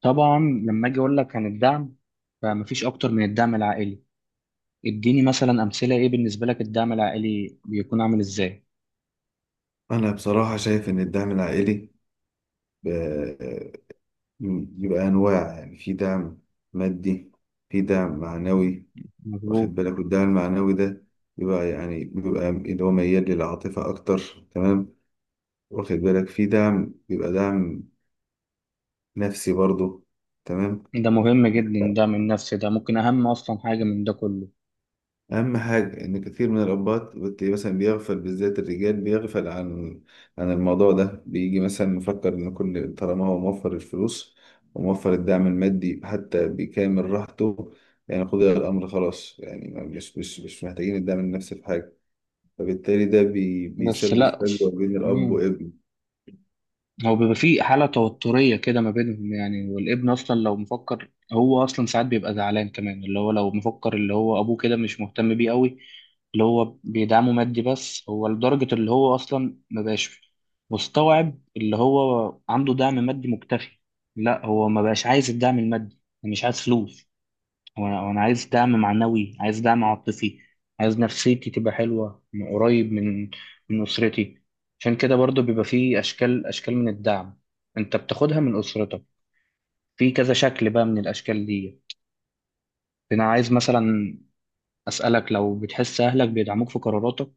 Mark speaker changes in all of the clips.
Speaker 1: طبعا، لما اجي اقول لك عن الدعم فمفيش اكتر من الدعم العائلي. اديني مثلا امثله، ايه بالنسبه لك الدعم العائلي بيكون عامل ازاي؟
Speaker 2: أنا بصراحة شايف إن الدعم العائلي ب- بيبقى أنواع، يعني في دعم مادي، في دعم معنوي. واخد
Speaker 1: مظبوط.
Speaker 2: بالك، والدعم المعنوي ده بيبقى اللي هو ميال للعاطفة أكتر. تمام. واخد بالك، في دعم بيبقى دعم نفسي برضه. تمام.
Speaker 1: ده مهم جدا، الدعم النفسي ده ممكن اهم اصلا حاجه من ده كله.
Speaker 2: أهم حاجة إن كتير من الأبات بتلاقيه مثلا بيغفل، بالذات الرجال، بيغفل عن الموضوع ده، بيجي مثلا مفكر إن كل طالما هو موفر الفلوس وموفر الدعم المادي حتى بكامل راحته، يعني قضي الأمر خلاص، يعني مش محتاجين الدعم النفسي في حاجة. فبالتالي ده
Speaker 1: بس
Speaker 2: بيسبب
Speaker 1: لا،
Speaker 2: فجوة بين الأب
Speaker 1: مم.
Speaker 2: وابنه.
Speaker 1: هو بيبقى في حالة توترية كده ما بينهم يعني، والابن أصلا لو مفكر، هو أصلا ساعات بيبقى زعلان كمان، اللي هو لو مفكر اللي هو أبوه كده مش مهتم بيه قوي، اللي هو بيدعمه مادي بس، هو لدرجة اللي هو أصلا ما بقاش مستوعب اللي هو عنده دعم مادي مكتفي. لا، هو ما بقاش عايز الدعم المادي، يعني مش عايز فلوس، وأنا عايز دعم معنوي، عايز دعم عاطفي، عايز نفسيتي تبقى حلوة من قريب، من أسرتي. عشان كده برضو بيبقى فيه أشكال أشكال من الدعم أنت بتاخدها من أسرتك، في كذا شكل بقى من الأشكال دي. أنا عايز مثلا أسألك، لو بتحس أهلك بيدعموك في قراراتك.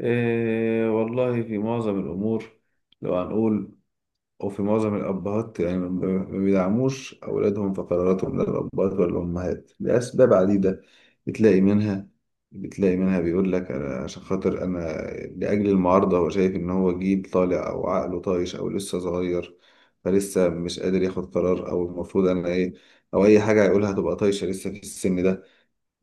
Speaker 2: إيه والله في معظم الأمور، لو هنقول، وفي معظم الأبهات يعني ما بيدعموش أولادهم في قراراتهم، لا الأبهات ولا الأمهات، لأسباب عديدة. بتلاقي منها بتلاقي منها بيقول لك أنا عشان خاطر أنا، لأجل المعارضة هو شايف إن هو جيل طالع أو عقله طايش أو لسه صغير، فلسه مش قادر ياخد قرار، أو المفروض أنا إيه، أو أي حاجة هيقولها تبقى طايشة لسه في السن ده.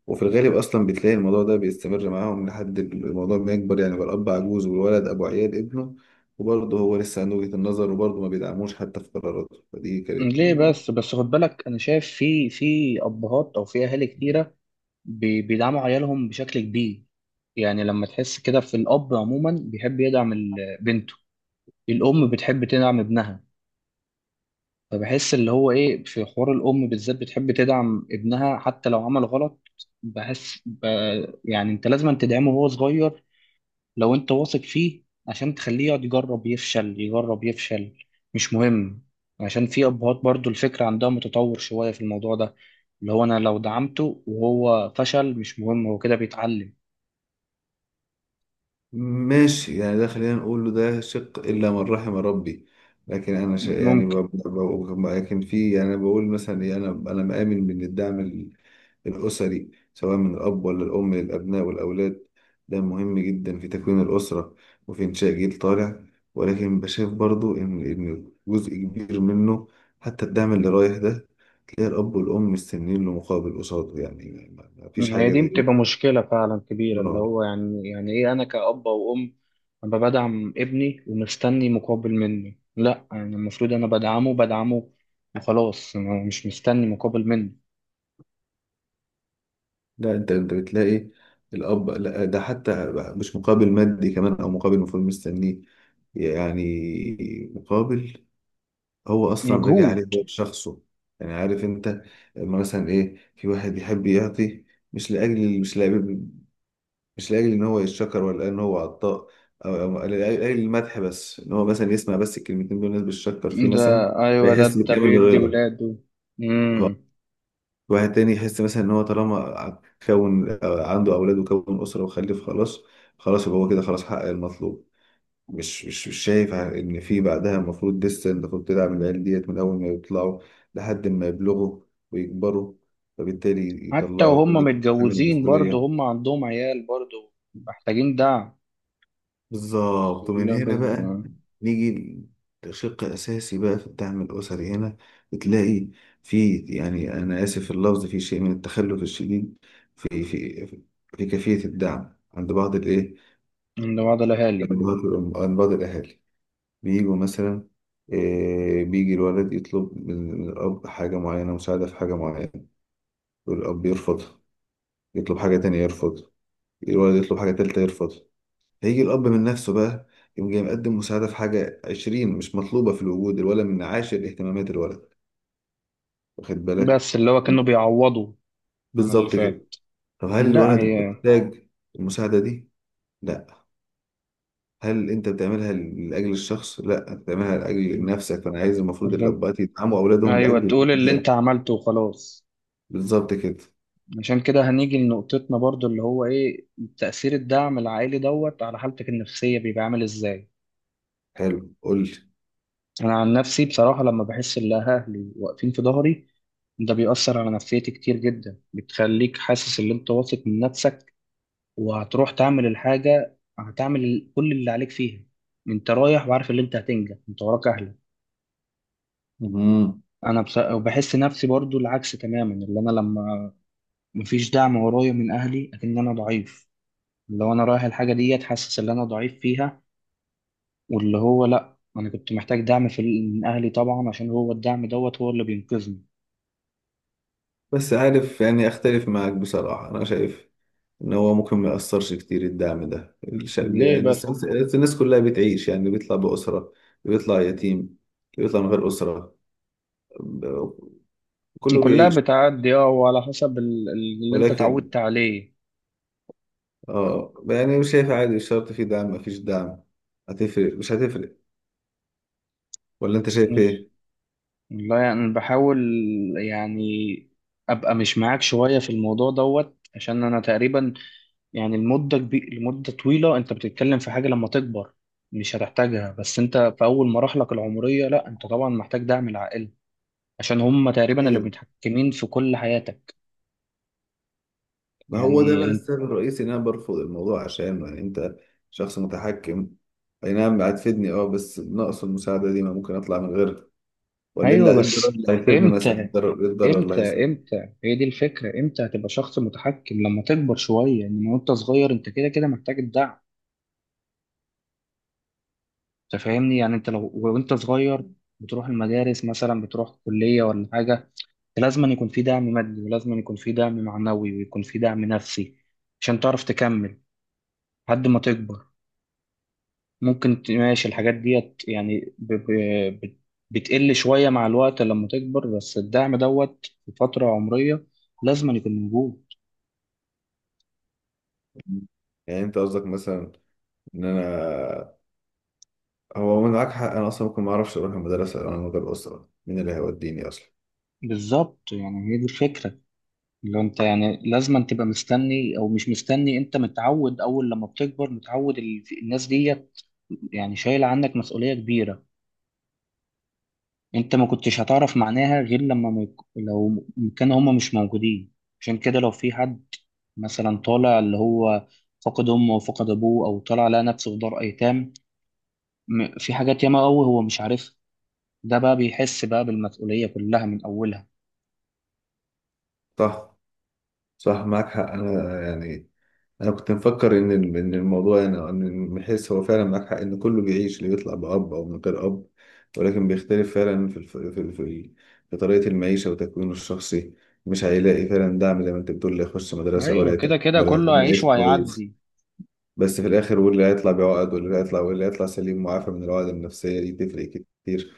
Speaker 2: وفي الغالب اصلا بتلاقي الموضوع ده بيستمر معاهم لحد الموضوع ما يكبر، يعني بقى الاب عجوز والولد ابو عيال ابنه، وبرضه هو لسه عنده وجهة النظر، وبرضه ما بيدعموش حتى في قراراته، فدي كانت
Speaker 1: ليه بس بس خد بالك، أنا شايف في أبهات أو في أهالي كتيرة بيدعموا عيالهم بشكل كبير. يعني لما تحس كده، في الأب عموما بيحب يدعم بنته، الأم بتحب تدعم ابنها. فبحس اللي هو إيه، في حوار الأم بالذات بتحب تدعم ابنها حتى لو عمل غلط. بحس يعني أنت لازم تدعمه وهو صغير، لو أنت واثق فيه، عشان تخليه يقعد يجرب يفشل يجرب يفشل، مش مهم. عشان في أبهات برضو الفكرة عندها متطور شوية في الموضوع ده، اللي هو أنا لو دعمته وهو فشل مش مهم، هو كده بيتعلم.
Speaker 2: ماشي، يعني ده خلينا نقول له ده شق الا من رحم ربي. لكن انا ش... يعني ب...
Speaker 1: ممكن.
Speaker 2: ب... ب... لكن في، يعني أنا بقول مثلا إيه، انا مآمن من الدعم الأسري، سواء من الأب ولا الأم للأبناء والأولاد. ده مهم جدا في تكوين الأسرة وفي إنشاء جيل طالع. ولكن بشايف برضو إن جزء كبير منه، حتى الدعم اللي رايح ده، تلاقي الأب والأم مستنيين له مقابل قصاده، يعني ما فيش
Speaker 1: هي
Speaker 2: حاجة
Speaker 1: دي
Speaker 2: زي
Speaker 1: بتبقى
Speaker 2: دي.
Speaker 1: مشكلة فعلا كبيرة، اللي هو
Speaker 2: آه.
Speaker 1: يعني إيه، أنا كأب أو أم أبقى بدعم ابني ومستني مقابل مني؟ لأ، يعني المفروض أنا بدعمه وخلاص، أنا مش مستني مقابل منه.
Speaker 2: لا، أنت بتلاقي الأب، لا ده حتى مش مقابل مادي كمان، أو مقابل المفروض مستنيه، يعني مقابل، هو اصلا راجع عليه
Speaker 1: مجهود.
Speaker 2: هو بشخصه. يعني عارف انت، لما مثلا ايه في واحد يحب يعطي، مش لاجل مش لاجل مش لاجل ان هو يتشكر، ولا ان هو عطاء، او أو لاجل المدح، بس ان هو مثلا يسمع بس الكلمتين دول الناس بتشكر فيه
Speaker 1: ده
Speaker 2: مثلا،
Speaker 1: أيوة، ده
Speaker 2: فيحس
Speaker 1: ده
Speaker 2: بكامل
Speaker 1: بيدي
Speaker 2: الرضا.
Speaker 1: ولاده. مم.
Speaker 2: واحد تاني يحس مثلا ان هو طالما كون عنده اولاد وكون اسره وخلف خلاص، خلاص يبقى هو كده خلاص حقق المطلوب. مش شايف ان في بعدها المفروض لسه، المفروض تدعم العيال ديت من اول ما يطلعوا لحد ما يبلغوا ويكبروا، فبالتالي
Speaker 1: حتى
Speaker 2: يطلعوا
Speaker 1: وهم
Speaker 2: راجل حامل
Speaker 1: متجوزين برضه،
Speaker 2: المسؤولية.
Speaker 1: هم عندهم عيال برضه محتاجين دعم.
Speaker 2: بالظبط، ومن
Speaker 1: كل-
Speaker 2: هنا بقى
Speaker 1: بز-
Speaker 2: نيجي الشق الأساسي بقى في الدعم الأسري. هنا بتلاقي في، يعني أنا آسف في اللفظ، في شيء من التخلف الشديد في في كيفية الدعم، عند بعض الإيه،
Speaker 1: عند بعض الأهالي.
Speaker 2: عند بعض الأهالي بيجوا مثلا، بيجي الولد يطلب من الأب حاجة معينة، مساعدة في حاجة معينة والأب يرفض يطلب حاجة تانية يرفض الولد يطلب حاجة تالتة يرفض هيجي الأب من نفسه بقى يقوم جاي مقدم مساعدة في حاجة 20 مش مطلوبة في الوجود الولد، من عاشر اهتمامات الولد، واخد بالك.
Speaker 1: بس اللي هو كانوا بيعوضوا عن اللي
Speaker 2: بالظبط كده.
Speaker 1: فات.
Speaker 2: طب هل
Speaker 1: لا،
Speaker 2: الولد
Speaker 1: هي
Speaker 2: محتاج المساعدة دي؟ لا. هل انت بتعملها لاجل الشخص؟ لا، انت بتعملها لاجل نفسك. فانا عايز، المفروض الاباء يدعموا اولادهم
Speaker 1: ايوه،
Speaker 2: لاجل
Speaker 1: تقول اللي
Speaker 2: الابناء.
Speaker 1: انت عملته وخلاص.
Speaker 2: بالظبط كده.
Speaker 1: عشان كده هنيجي لنقطتنا برضو، اللي هو ايه تأثير الدعم العائلي دوت على حالتك النفسية، بيبقى عامل ازاي؟
Speaker 2: حلو، قول لي.
Speaker 1: انا عن نفسي بصراحة لما بحس ان اهلي واقفين في ظهري، ده بيأثر على نفسيتي كتير جدا، بتخليك حاسس ان انت واثق من نفسك، وهتروح تعمل الحاجة هتعمل كل اللي عليك فيها، انت رايح وعارف ان انت هتنجح، انت وراك اهلك.
Speaker 2: مم.
Speaker 1: انا وبحس نفسي برضو العكس تماما، اللي انا لما مفيش دعم ورايا من اهلي، اكن انا ضعيف، لو انا رايح الحاجه ديت حاسس ان انا ضعيف فيها، واللي هو لا، انا كنت محتاج دعم في، من اهلي طبعا، عشان هو الدعم دوت هو اللي بينقذني.
Speaker 2: بس عارف، يعني اختلف معاك بصراحة، انا شايف ان هو ممكن ما يأثرش كتير الدعم ده. الشعب،
Speaker 1: ليه
Speaker 2: الناس
Speaker 1: بس؟
Speaker 2: الناس كلها بتعيش، يعني بيطلع بأسرة، بيطلع يتيم، بيطلع من غير أسرة، ب- كله
Speaker 1: كلها
Speaker 2: بيعيش.
Speaker 1: بتعدي اه، وعلى حسب اللي انت
Speaker 2: ولكن
Speaker 1: اتعودت عليه.
Speaker 2: اه يعني مش شايف، عادي مش شرط، في دعم ما فيش دعم، هتفرق مش هتفرق، ولا انت شايف
Speaker 1: مش- والله يعني أنا بحاول، يعني ابقى مش معاك شويه في الموضوع دوت، عشان انا تقريبا، يعني المده كبير، لمده طويله انت بتتكلم في حاجه لما تكبر مش هتحتاجها، بس انت في اول مراحلك العمريه لا، انت طبعا محتاج دعم العائله، عشان هم تقريبا اللي
Speaker 2: ايه؟
Speaker 1: متحكمين في كل حياتك،
Speaker 2: ما هو ده بقى
Speaker 1: يعني.
Speaker 2: السبب الرئيسي ان انا برفض الموضوع، عشان يعني انت شخص متحكم. اي نعم هتفيدني بس ناقص المساعده دي، ما ممكن اطلع من غيرها؟ ولا
Speaker 1: ايوه
Speaker 2: إيه الضرر
Speaker 1: بس،
Speaker 2: اللي هيسيبني مثلا، إيه
Speaker 1: امتى،
Speaker 2: الضرر إيه الضرر اللي
Speaker 1: امتى
Speaker 2: هيسيبني؟
Speaker 1: امتى هي دي الفكره، امتى هتبقى شخص متحكم؟ لما تكبر شويه، انما وانت صغير انت كده كده محتاج الدعم. انت فاهمني؟ يعني انت لو وانت صغير بتروح المدارس مثلا، بتروح كليه ولا حاجه، أنت لازم أن يكون في دعم مادي، ولازم أن يكون في دعم معنوي، ويكون في دعم نفسي، عشان تعرف تكمل لحد ما تكبر. ممكن ماشي، الحاجات ديت يعني بتقل شوية مع الوقت لما تكبر، بس الدعم دوت في فترة عمرية لازم يكون موجود.
Speaker 2: يعني انت قصدك مثلا ان انا هو من معاك حق، انا اصلا ممكن ما اعرفش اروح المدرسه، لو انا من غير اسره مين اللي هيوديني اصلا.
Speaker 1: بالظبط، يعني هي دي الفكرة. لو انت يعني لازم تبقى مستني او مش مستني، انت متعود، اول لما بتكبر متعود الناس ديت يعني شايلة عنك مسؤولية كبيرة، انت ما كنتش هتعرف معناها غير لما ما لو كانوا هما مش موجودين. عشان كده لو في حد مثلا طالع اللي هو فقد امه وفقد ابوه، او طالع لقى نفسه في دار ايتام، في حاجات ياما قوي هو مش عارفها، ده بقى بيحس بقى بالمسؤولية كلها من اولها.
Speaker 2: صح صح، معاك حق، انا يعني انا كنت مفكر ان الموضوع يعني، ان بحيث هو فعلا معاك حق، ان كله بيعيش، اللي بيطلع باب او من غير اب. ولكن بيختلف فعلا في طريقه المعيشه وتكوينه الشخصي. مش هيلاقي فعلا دعم زي ما انت بتقول، لا يخش مدرسه ولا
Speaker 1: ايوه، كده كده
Speaker 2: ولا
Speaker 1: كله
Speaker 2: يكمل
Speaker 1: هيعيش
Speaker 2: عيش كويس.
Speaker 1: وهيعدي.
Speaker 2: بس في الاخر واللي هيطلع بعقد واللي هيطلع سليم معافى من العقد النفسيه دي، تفرق كتير.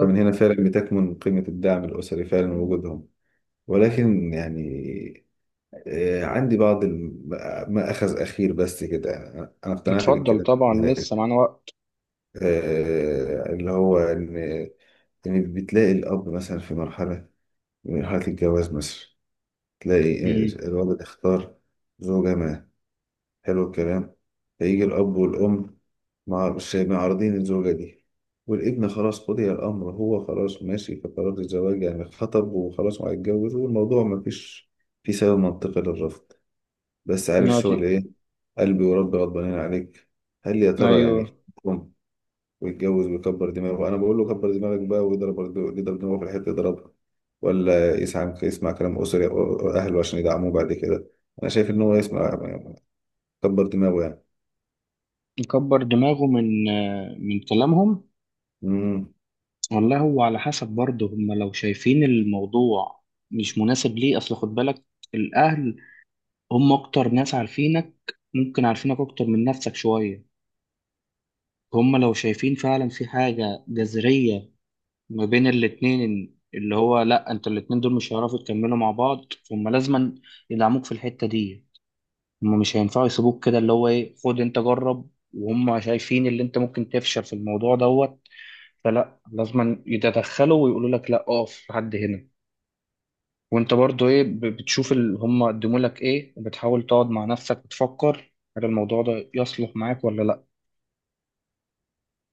Speaker 2: فمن هنا فعلا بتكمن قيمه الدعم الاسري فعلا ووجودهم، ولكن يعني عندي بعض ما أخذ أخير بس كده. أنا اقتنعت
Speaker 1: اتفضل
Speaker 2: بالكلام
Speaker 1: طبعا، لسه
Speaker 2: ده.
Speaker 1: معانا وقت.
Speaker 2: اللي هو إن بتلاقي الأب مثلا في مرحلة، من مرحلة الجواز مثلا، تلاقي
Speaker 1: امم.
Speaker 2: الولد اختار زوجة ما. حلو الكلام. فيجي الأب والأم مش معارضين الزوجة دي، والابن خلاص قضي الأمر، هو خلاص ماشي في قرار الزواج يعني، خطب وخلاص وهيتجوز، والموضوع مفيش في سبب منطقي للرفض. بس عارف
Speaker 1: يا
Speaker 2: شغل
Speaker 1: تي-
Speaker 2: ايه، قلبي وربي غضبانين عليك. هل يا ترى
Speaker 1: ايوه.
Speaker 2: يعني يخون ويتجوز ويكبر دماغه، انا بقول له كبر دماغك بقى، ويضرب دماغه في الحته يضربها، ولا يسمع كلام اسري أو اهله عشان يدعموه بعد كده؟ انا شايف ان هو يسمع كبر دماغه يعني.
Speaker 1: يكبر دماغه من كلامهم.
Speaker 2: امم.
Speaker 1: والله هو على حسب برضه، هم لو شايفين الموضوع مش مناسب ليه، اصل خد بالك، الاهل هم اكتر ناس عارفينك، ممكن عارفينك اكتر من نفسك شوية، هم لو شايفين فعلا في حاجة جذرية ما بين الاتنين، اللي هو لا، انت الاتنين دول مش هيعرفوا يكملوا مع بعض، فهم لازما يدعموك في الحتة دي، هم مش هينفعوا يسيبوك كده، اللي هو ايه، خد انت جرب، وهم شايفين اللي انت ممكن تفشل في الموضوع دوت، فلا، لازما يتدخلوا ويقولوا لك لا، اقف لحد هنا. وانت برضو ايه، بتشوف اللي هم قدموا لك ايه، بتحاول تقعد مع نفسك بتفكر هل الموضوع ده يصلح معاك ولا لا.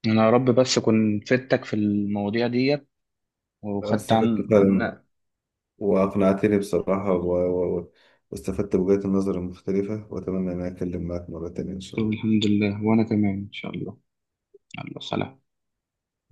Speaker 1: انا يا رب بس اكون فدتك في المواضيع ديت،
Speaker 2: أنا
Speaker 1: وخدت
Speaker 2: استفدت
Speaker 1: عن.
Speaker 2: فعلا،
Speaker 1: لا،
Speaker 2: واقنعتني بصراحه واستفدت بوجهات النظر المختلفه، واتمنى ان أنا اتكلم معاك مره تانيه ان شاء
Speaker 1: طب
Speaker 2: الله.
Speaker 1: الحمد لله، وانا تمام ان شاء الله. يلا سلام.